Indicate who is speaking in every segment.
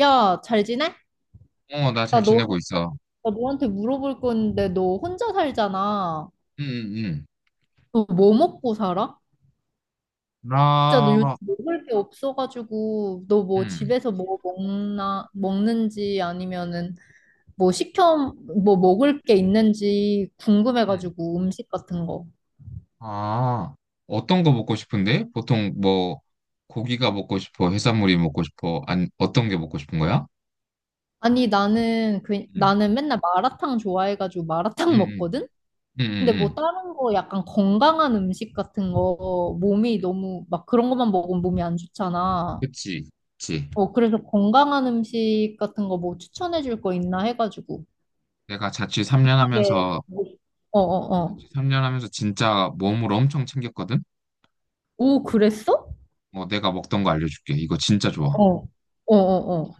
Speaker 1: 야, 잘 지내?
Speaker 2: 어, 나
Speaker 1: 나
Speaker 2: 잘
Speaker 1: 너,
Speaker 2: 지내고 있어.
Speaker 1: 나 너한테 물어볼 건데, 너 혼자 살잖아.
Speaker 2: 응, 응, 응.
Speaker 1: 너 뭐 먹고 살아? 진짜 너 요즘
Speaker 2: 나,
Speaker 1: 먹을 게 없어가지고, 너 뭐
Speaker 2: 응,
Speaker 1: 집에서 뭐 먹나, 먹는지 아니면은 뭐 시켜, 뭐 먹을 게 있는지
Speaker 2: 응.
Speaker 1: 궁금해가지고, 음식 같은 거.
Speaker 2: 아, 어떤 거 먹고 싶은데? 보통 뭐, 고기가 먹고 싶어, 해산물이 먹고 싶어, 아니, 어떤 게 먹고 싶은 거야?
Speaker 1: 아니, 나는, 그,
Speaker 2: 응,
Speaker 1: 나는 맨날 마라탕 좋아해가지고
Speaker 2: 응,
Speaker 1: 마라탕
Speaker 2: 응,
Speaker 1: 먹거든?
Speaker 2: 응,
Speaker 1: 근데
Speaker 2: 응.
Speaker 1: 뭐
Speaker 2: 응.
Speaker 1: 다른 거 약간 건강한 음식 같은 거, 몸이 너무, 막 그런 것만 먹으면 몸이 안 좋잖아.
Speaker 2: 그치, 그치.
Speaker 1: 어, 그래서 건강한 음식 같은 거 뭐 추천해 줄 거 있나 해가지고.
Speaker 2: 내가 자취 3년
Speaker 1: 하게.
Speaker 2: 하면서,
Speaker 1: 어, 어, 어.
Speaker 2: 자취 3년 하면서 진짜 몸으로 엄청 챙겼거든?
Speaker 1: 오, 그랬어?
Speaker 2: 뭐, 내가 먹던 거 알려줄게. 이거 진짜 좋아.
Speaker 1: 어, 어, 어, 어.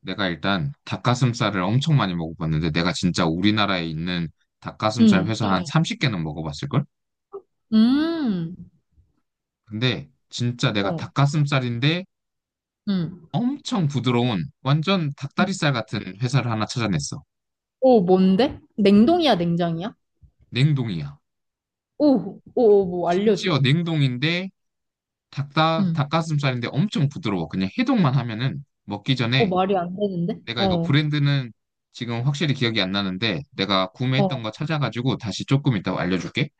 Speaker 2: 내가 일단 닭가슴살을 엄청 많이 먹어봤는데, 내가 진짜 우리나라에 있는 닭가슴살
Speaker 1: 음,
Speaker 2: 회사 한삼 30개는 먹어봤을걸?
Speaker 1: 음,
Speaker 2: 근데 진짜 내가
Speaker 1: 어,
Speaker 2: 닭가슴살인데
Speaker 1: 음.
Speaker 2: 엄청 부드러운 완전 닭다리살 같은 회사를 하나 찾아냈어.
Speaker 1: 오, 뭔데? 냉동이야, 냉장이야?
Speaker 2: 냉동이야.
Speaker 1: 오, 오, 오, 뭐 알려줘.
Speaker 2: 심지어 냉동인데
Speaker 1: 음.
Speaker 2: 닭가슴살인데 엄청 부드러워. 그냥 해동만 하면은 먹기
Speaker 1: 오,
Speaker 2: 전에
Speaker 1: 말이 안 되는데?
Speaker 2: 내가 이거
Speaker 1: 어,
Speaker 2: 브랜드는 지금 확실히 기억이 안 나는데 내가
Speaker 1: 어,
Speaker 2: 구매했던
Speaker 1: 어,
Speaker 2: 거 찾아가지고 다시 조금 이따 알려줄게.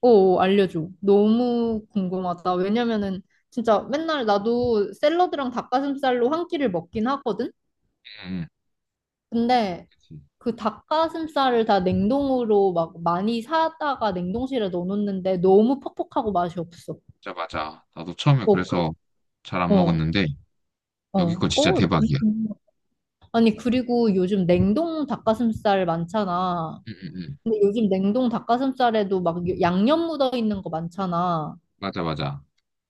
Speaker 1: 오, 알려줘. 너무 궁금하다. 왜냐면은 진짜 맨날 나도 샐러드랑 닭가슴살로 한 끼를 먹긴 하거든?
Speaker 2: 응,
Speaker 1: 근데
Speaker 2: 응.
Speaker 1: 그 닭가슴살을 다 냉동으로 막 많이 사다가 냉동실에 넣어놓는데 너무 퍽퍽하고 맛이 없어.
Speaker 2: 진짜 맞아. 나도 처음에
Speaker 1: 어, 그,
Speaker 2: 그래서 잘 안
Speaker 1: 어,
Speaker 2: 먹었는데
Speaker 1: 어,
Speaker 2: 여기 거 진짜
Speaker 1: 어.
Speaker 2: 대박이야.
Speaker 1: 너무- 아니, 그리고 요즘 냉동 닭가슴살 많잖아.
Speaker 2: 응, 응, 응.
Speaker 1: 근데 요즘 냉동 닭가슴살에도 막 양념 묻어 있는 거 많잖아.
Speaker 2: 맞아, 맞아.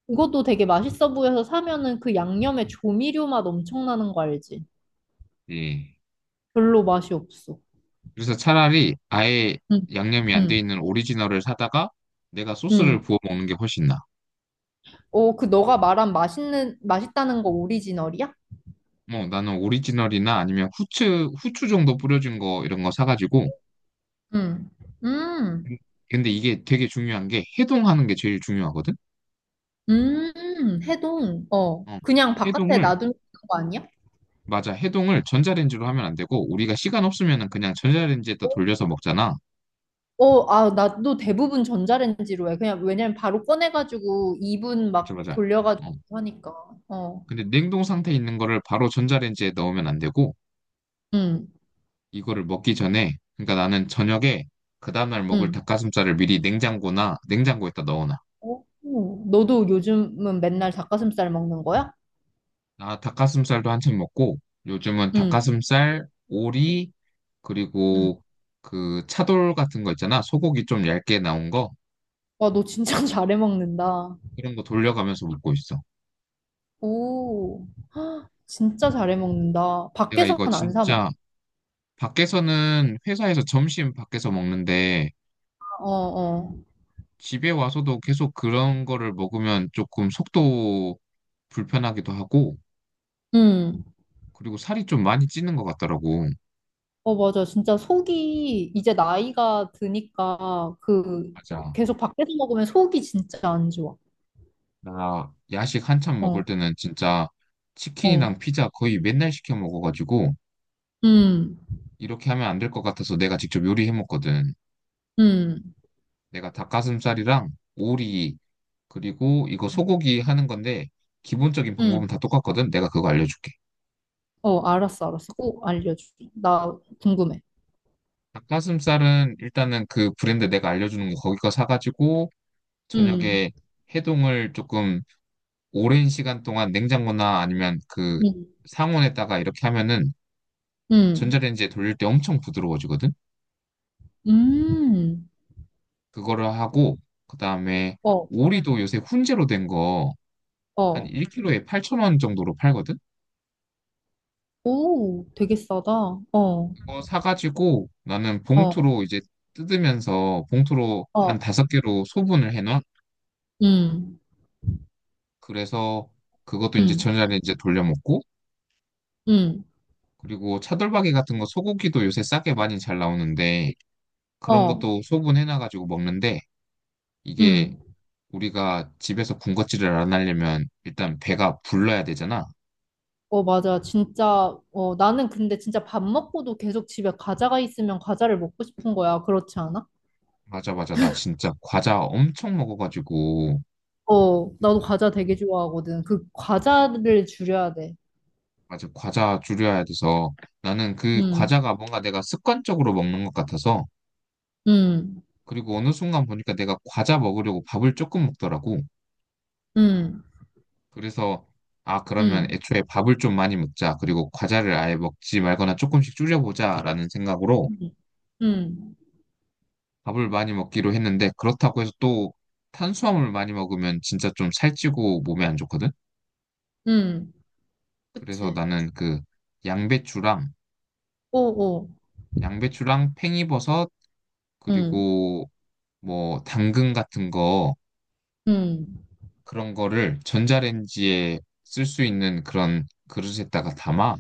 Speaker 1: 그것도 되게 맛있어 보여서 사면은 그 양념에 조미료 맛 엄청 나는 거 알지?
Speaker 2: 예.
Speaker 1: 별로 맛이 없어.
Speaker 2: 그래서 차라리 아예
Speaker 1: 응,
Speaker 2: 양념이 안 돼
Speaker 1: 응,
Speaker 2: 있는 오리지널을 사다가 내가 소스를
Speaker 1: 응.
Speaker 2: 부어 먹는 게 훨씬 나아.
Speaker 1: 어, 그 너가 말한 맛있는, 맛있다는 거 오리지널이야?
Speaker 2: 뭐 나는 오리지널이나 아니면 후추 정도 뿌려진 거 이런 거 사가지고.
Speaker 1: 음, 음,
Speaker 2: 근데 이게 되게 중요한 게 해동하는 게 제일 중요하거든?
Speaker 1: 해동. 어,
Speaker 2: 어.
Speaker 1: 그냥 바깥에
Speaker 2: 해동을,
Speaker 1: 놔두는 거 아니야?
Speaker 2: 맞아. 해동을 전자레인지로 하면 안 되고 우리가 시간 없으면은 그냥 전자레인지에다
Speaker 1: 어,
Speaker 2: 돌려서 먹잖아.
Speaker 1: 어, 아, 나도 대부분 전자레인지로 해. 그냥 왜냐면 바로 꺼내가지고 이분
Speaker 2: 맞아,
Speaker 1: 막
Speaker 2: 맞아.
Speaker 1: 돌려가지고
Speaker 2: 어.
Speaker 1: 하니까. 어,
Speaker 2: 근데 냉동 상태에 있는 거를 바로 전자레인지에 넣으면 안 되고
Speaker 1: 응
Speaker 2: 이거를 먹기 전에, 그러니까 나는 저녁에 그 다음날 먹을
Speaker 1: 응
Speaker 2: 닭가슴살을 미리 냉장고나 냉장고에다 넣어놔.
Speaker 1: 어, 너도 요즘은 맨날 닭가슴살 먹는 거야?
Speaker 2: 나 닭가슴살도 한참 먹고 요즘은
Speaker 1: 응,
Speaker 2: 닭가슴살, 오리,
Speaker 1: 응.
Speaker 2: 그리고 그 차돌 같은 거 있잖아. 소고기 좀 얇게 나온 거
Speaker 1: 와, 너 진짜 잘해 먹는다.
Speaker 2: 이런 거 돌려가면서 먹고 있어.
Speaker 1: 오, 헉, 진짜 잘해 먹는다.
Speaker 2: 내가
Speaker 1: 밖에서는
Speaker 2: 이거
Speaker 1: 안 사 먹어.
Speaker 2: 진짜 밖에서는 회사에서 점심 밖에서 먹는데
Speaker 1: 어, 어.
Speaker 2: 집에 와서도 계속 그런 거를 먹으면 조금 속도 불편하기도 하고
Speaker 1: 응.
Speaker 2: 그리고 살이 좀 많이 찌는 것 같더라고.
Speaker 1: 어, 맞아. 진짜 속이 이제 나이가 드니까 그
Speaker 2: 맞아.
Speaker 1: 계속 밖에서 먹으면 속이 진짜 안 좋아.
Speaker 2: 나 야식 한참 먹을
Speaker 1: 어,
Speaker 2: 때는 진짜
Speaker 1: 어.
Speaker 2: 치킨이랑 피자 거의 맨날 시켜 먹어가지고
Speaker 1: 음,
Speaker 2: 이렇게 하면 안 될 것 같아서 내가 직접 요리해 먹거든.
Speaker 1: 음,
Speaker 2: 내가 닭가슴살이랑 오리 그리고 이거 소고기 하는 건데 기본적인 방법은
Speaker 1: 음.
Speaker 2: 다 똑같거든. 내가 그거 알려줄게.
Speaker 1: 어, 알았어, 알았어. 꼭 알려줘. 나 궁금해.
Speaker 2: 닭가슴살은 일단은 그 브랜드 내가 알려주는 거 거기 거 사가지고
Speaker 1: 음,
Speaker 2: 저녁에 해동을 조금 오랜 시간 동안 냉장고나 아니면 그
Speaker 1: 음,
Speaker 2: 상온에다가 이렇게 하면은
Speaker 1: 음,
Speaker 2: 전자레인지에 돌릴 때 엄청 부드러워지거든.
Speaker 1: 음.
Speaker 2: 그거를 하고 그다음에
Speaker 1: 어,
Speaker 2: 오리도 요새 훈제로 된 거 한
Speaker 1: 어.
Speaker 2: 1kg에 8,000원 정도로 팔거든.
Speaker 1: 오, 되게 싸다. 어,
Speaker 2: 그거 사가지고 나는
Speaker 1: 어,
Speaker 2: 봉투로 이제 뜯으면서 봉투로 한
Speaker 1: 어.
Speaker 2: 다섯 개로 소분을 해놔.
Speaker 1: 음,
Speaker 2: 그래서 그것도 이제
Speaker 1: 음,
Speaker 2: 저녁에 이제 돌려 먹고
Speaker 1: 음.
Speaker 2: 그리고 차돌박이 같은 거 소고기도 요새 싸게 많이 잘 나오는데 그런
Speaker 1: 어,
Speaker 2: 것도 소분해놔가지고 먹는데 이게
Speaker 1: 음.
Speaker 2: 우리가 집에서 군것질을 안 하려면 일단 배가 불러야 되잖아.
Speaker 1: 어, 맞아. 진짜, 어, 나는 근데 진짜 밥 먹고도 계속 집에 과자가 있으면 과자를 먹고 싶은 거야. 그렇지 않아?
Speaker 2: 맞아, 맞아. 나 진짜 과자 엄청 먹어가지고,
Speaker 1: 어, 나도 과자 되게 좋아하거든. 그 과자를 줄여야 돼.
Speaker 2: 맞아. 과자 줄여야 돼서 나는 그
Speaker 1: 음,
Speaker 2: 과자가 뭔가 내가 습관적으로 먹는 것 같아서,
Speaker 1: 음,
Speaker 2: 그리고 어느 순간 보니까 내가 과자 먹으려고 밥을 조금 먹더라고.
Speaker 1: 음,
Speaker 2: 그래서, 아, 그러면
Speaker 1: 음,
Speaker 2: 애초에 밥을 좀 많이 먹자. 그리고 과자를 아예 먹지 말거나 조금씩 줄여보자 라는 생각으로
Speaker 1: 음, 음,
Speaker 2: 밥을 많이 먹기로 했는데, 그렇다고 해서 또 탄수화물 많이 먹으면 진짜 좀 살찌고 몸에 안 좋거든?
Speaker 1: 음.
Speaker 2: 그래서
Speaker 1: 그치.
Speaker 2: 나는 그 양배추랑
Speaker 1: 어, 어,
Speaker 2: 양배추랑 팽이버섯
Speaker 1: 음,
Speaker 2: 그리고 뭐 당근 같은 거
Speaker 1: 음,
Speaker 2: 그런 거를 전자레인지에 쓸 수 있는 그런 그릇에다가 담아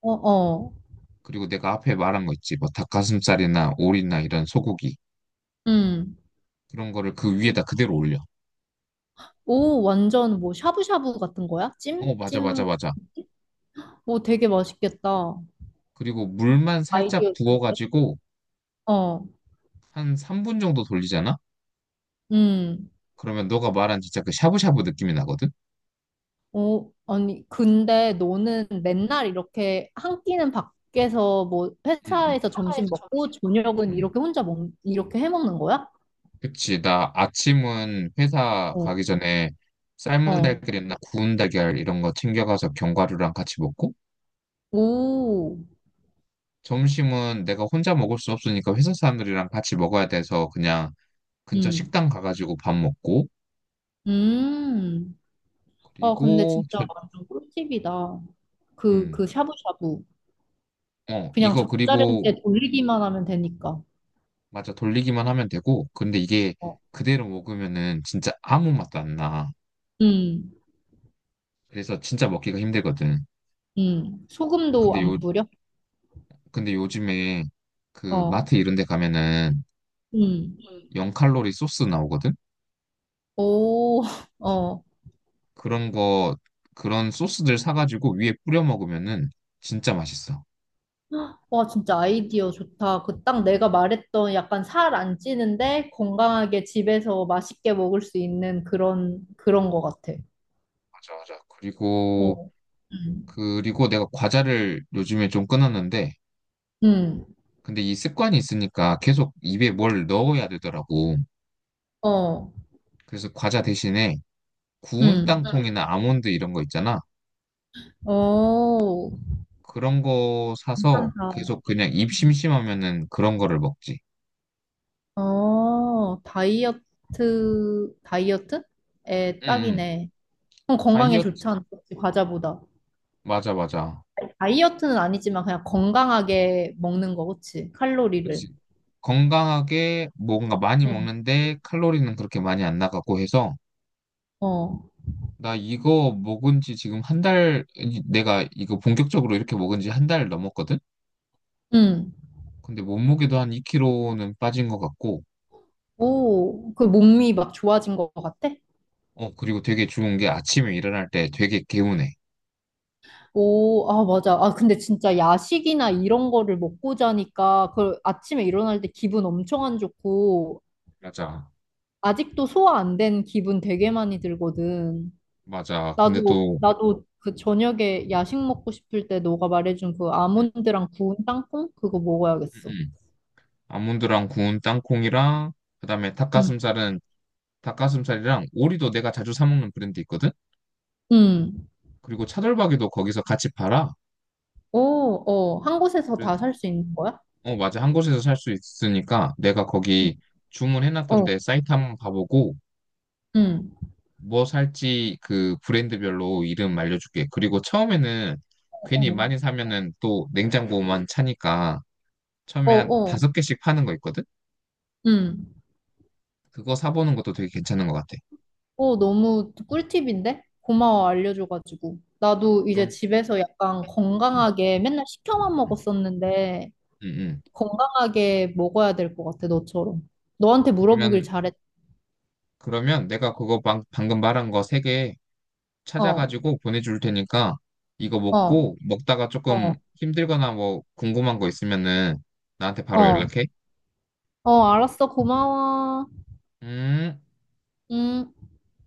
Speaker 1: 어, 어,
Speaker 2: 그리고 내가 앞에 말한 거 있지 뭐 닭가슴살이나 오리나 이런 소고기
Speaker 1: 음.
Speaker 2: 그런 거를 그 위에다 그대로 올려.
Speaker 1: 오, 완전 뭐 샤브샤브 같은 거야? 찜?
Speaker 2: 어 맞아 맞아
Speaker 1: 찜?
Speaker 2: 맞아.
Speaker 1: 오, 되게 맛있겠다.
Speaker 2: 그리고 물만 살짝
Speaker 1: 아이디어 좋은데?
Speaker 2: 부어가지고
Speaker 1: 어,
Speaker 2: 한 3분 정도 돌리잖아.
Speaker 1: 음.
Speaker 2: 그러면 너가 말한 진짜 그 샤브샤브 느낌이 나거든.
Speaker 1: 어, 아니, 근데 너는 맨날 이렇게 한 끼는 밖에서 뭐
Speaker 2: 응응.
Speaker 1: 회사에서 점심 먹고 저녁은 이렇게 혼자 먹, 이렇게 해 먹는 거야?
Speaker 2: 그치, 나 아침은 회사
Speaker 1: 어,
Speaker 2: 가기 전에 삶은
Speaker 1: 어,
Speaker 2: 달걀이나 구운 달걀 이런 거 챙겨가서 견과류랑 같이 먹고,
Speaker 1: 오,
Speaker 2: 점심은 내가 혼자 먹을 수 없으니까 회사 사람들이랑 같이 먹어야 돼서 그냥 근처
Speaker 1: 음,
Speaker 2: 식당 가가지고 밥 먹고,
Speaker 1: 음. 아, 근데
Speaker 2: 그리고,
Speaker 1: 진짜
Speaker 2: 저,
Speaker 1: 완전 꿀팁이다. 그,
Speaker 2: 음,
Speaker 1: 그 샤브샤브. 그냥
Speaker 2: 이거 그리고,
Speaker 1: 젓자른때 돌리기만 하면 되니까.
Speaker 2: 맞아, 돌리기만 하면 되고, 근데 이게
Speaker 1: 어,
Speaker 2: 그대로 먹으면은 진짜 아무 맛도 안 나.
Speaker 1: 음,
Speaker 2: 그래서 진짜 먹기가 힘들거든.
Speaker 1: 소금도
Speaker 2: 근데
Speaker 1: 안
Speaker 2: 요,
Speaker 1: 뿌려?
Speaker 2: 근데 요즘에 그
Speaker 1: 어,
Speaker 2: 마트 이런 데 가면은
Speaker 1: 음.
Speaker 2: 0칼로리 소스 나오거든?
Speaker 1: 오, 어.
Speaker 2: 그런 거, 그런 소스들 사가지고 위에 뿌려 먹으면은 진짜 맛있어.
Speaker 1: 와, 진짜 아이디어 좋다. 그 딱 내가 말했던 약간 살 안 찌는데 건강하게 집에서 맛있게 먹을 수 있는 그런, 그런 거 같아.
Speaker 2: 맞아, 맞아. 그리고,
Speaker 1: 어. 음.
Speaker 2: 그리고 내가 과자를 요즘에 좀 끊었는데,
Speaker 1: 음.
Speaker 2: 근데 이 습관이 있으니까 계속 입에 뭘 넣어야 되더라고.
Speaker 1: 어.
Speaker 2: 그래서 과자 대신에 구운 응.
Speaker 1: 음.
Speaker 2: 땅콩이나 아몬드 이런 거 있잖아.
Speaker 1: 어.
Speaker 2: 그런 거 사서
Speaker 1: 괜찮다.
Speaker 2: 계속 그냥 입 심심하면은 그런 거를 먹지.
Speaker 1: 어. 다이어트, 다이어트? 에
Speaker 2: 응, 응.
Speaker 1: 딱이네. 그럼 건강에
Speaker 2: 다이어트,
Speaker 1: 좋잖아. 그치? 과자보다.
Speaker 2: 맞아, 맞아.
Speaker 1: 다이어트는 아니지만 그냥 건강하게 먹는 거, 그치? 칼로리를.
Speaker 2: 그치. 건강하게 뭔가 많이
Speaker 1: 응
Speaker 2: 먹는데 칼로리는 그렇게 많이 안 나가고 해서
Speaker 1: 어.
Speaker 2: 나 이거 먹은 지 지금 1달, 내가 이거 본격적으로 이렇게 먹은 지 1달 넘었거든?
Speaker 1: 응
Speaker 2: 근데 몸무게도 한 2kg는 빠진 것 같고,
Speaker 1: 오, 그 몸이 막 좋아진 것 같아?
Speaker 2: 어, 그리고 되게 좋은 게 아침에 일어날 때 되게 개운해.
Speaker 1: 오, 아, 맞아. 아, 근데 진짜 야식이나 이런 거를 먹고 자니까 그 아침에 일어날 때 기분 엄청 안 좋고
Speaker 2: 맞아.
Speaker 1: 아직도 소화 안 된 기분 되게 많이 들거든.
Speaker 2: 맞아. 근데
Speaker 1: 나도,
Speaker 2: 또,
Speaker 1: 나도 그 저녁에 야식 먹고 싶을 때 너가 말해준 그
Speaker 2: 음,
Speaker 1: 아몬드랑 구운 땅콩? 그거
Speaker 2: 음,
Speaker 1: 먹어야겠어.
Speaker 2: 음. 아몬드랑 구운 땅콩이랑, 그다음에
Speaker 1: 응,
Speaker 2: 닭가슴살은 닭가슴살이랑 오리도 내가 자주 사 먹는 브랜드 있거든?
Speaker 1: 응.
Speaker 2: 그리고 차돌박이도 거기서 같이 팔아.
Speaker 1: 오, 어, 한 곳에서 다 살 수 있는 거야?
Speaker 2: 어, 맞아. 한 곳에서 살 수 있으니까 내가
Speaker 1: 응,
Speaker 2: 거기
Speaker 1: 어,
Speaker 2: 주문해놨던데 사이트 한번 가보고
Speaker 1: 응,
Speaker 2: 뭐 살지 그 브랜드별로 이름 알려줄게. 그리고 처음에는 괜히
Speaker 1: 어,
Speaker 2: 많이 사면은 또 냉장고만 차니까
Speaker 1: 어,
Speaker 2: 처음에 한
Speaker 1: 어,
Speaker 2: 다섯 개씩 파는 거 있거든?
Speaker 1: 응.
Speaker 2: 그거 사보는 것도 되게 괜찮은 것 같아.
Speaker 1: 어, 너무 꿀팁인데? 고마워, 알려줘가지고. 나도 이제
Speaker 2: 그럼,
Speaker 1: 집에서 약간
Speaker 2: 음,
Speaker 1: 건강하게 맨날 시켜만
Speaker 2: 음, 음,
Speaker 1: 먹었었는데,
Speaker 2: 음.
Speaker 1: 건강하게 먹어야 될 것 같아, 너처럼. 너한테 물어보길
Speaker 2: 그러면,
Speaker 1: 잘했,
Speaker 2: 그러면 내가 그거 방금 말한 거세개
Speaker 1: 어,
Speaker 2: 찾아가지고 보내줄 테니까 이거
Speaker 1: 어,
Speaker 2: 먹고 먹다가 조금
Speaker 1: 어,
Speaker 2: 힘들거나 뭐 궁금한 거 있으면은 나한테 바로
Speaker 1: 어,
Speaker 2: 연락해.
Speaker 1: 어, 알았어, 고마워.
Speaker 2: 음.
Speaker 1: 음.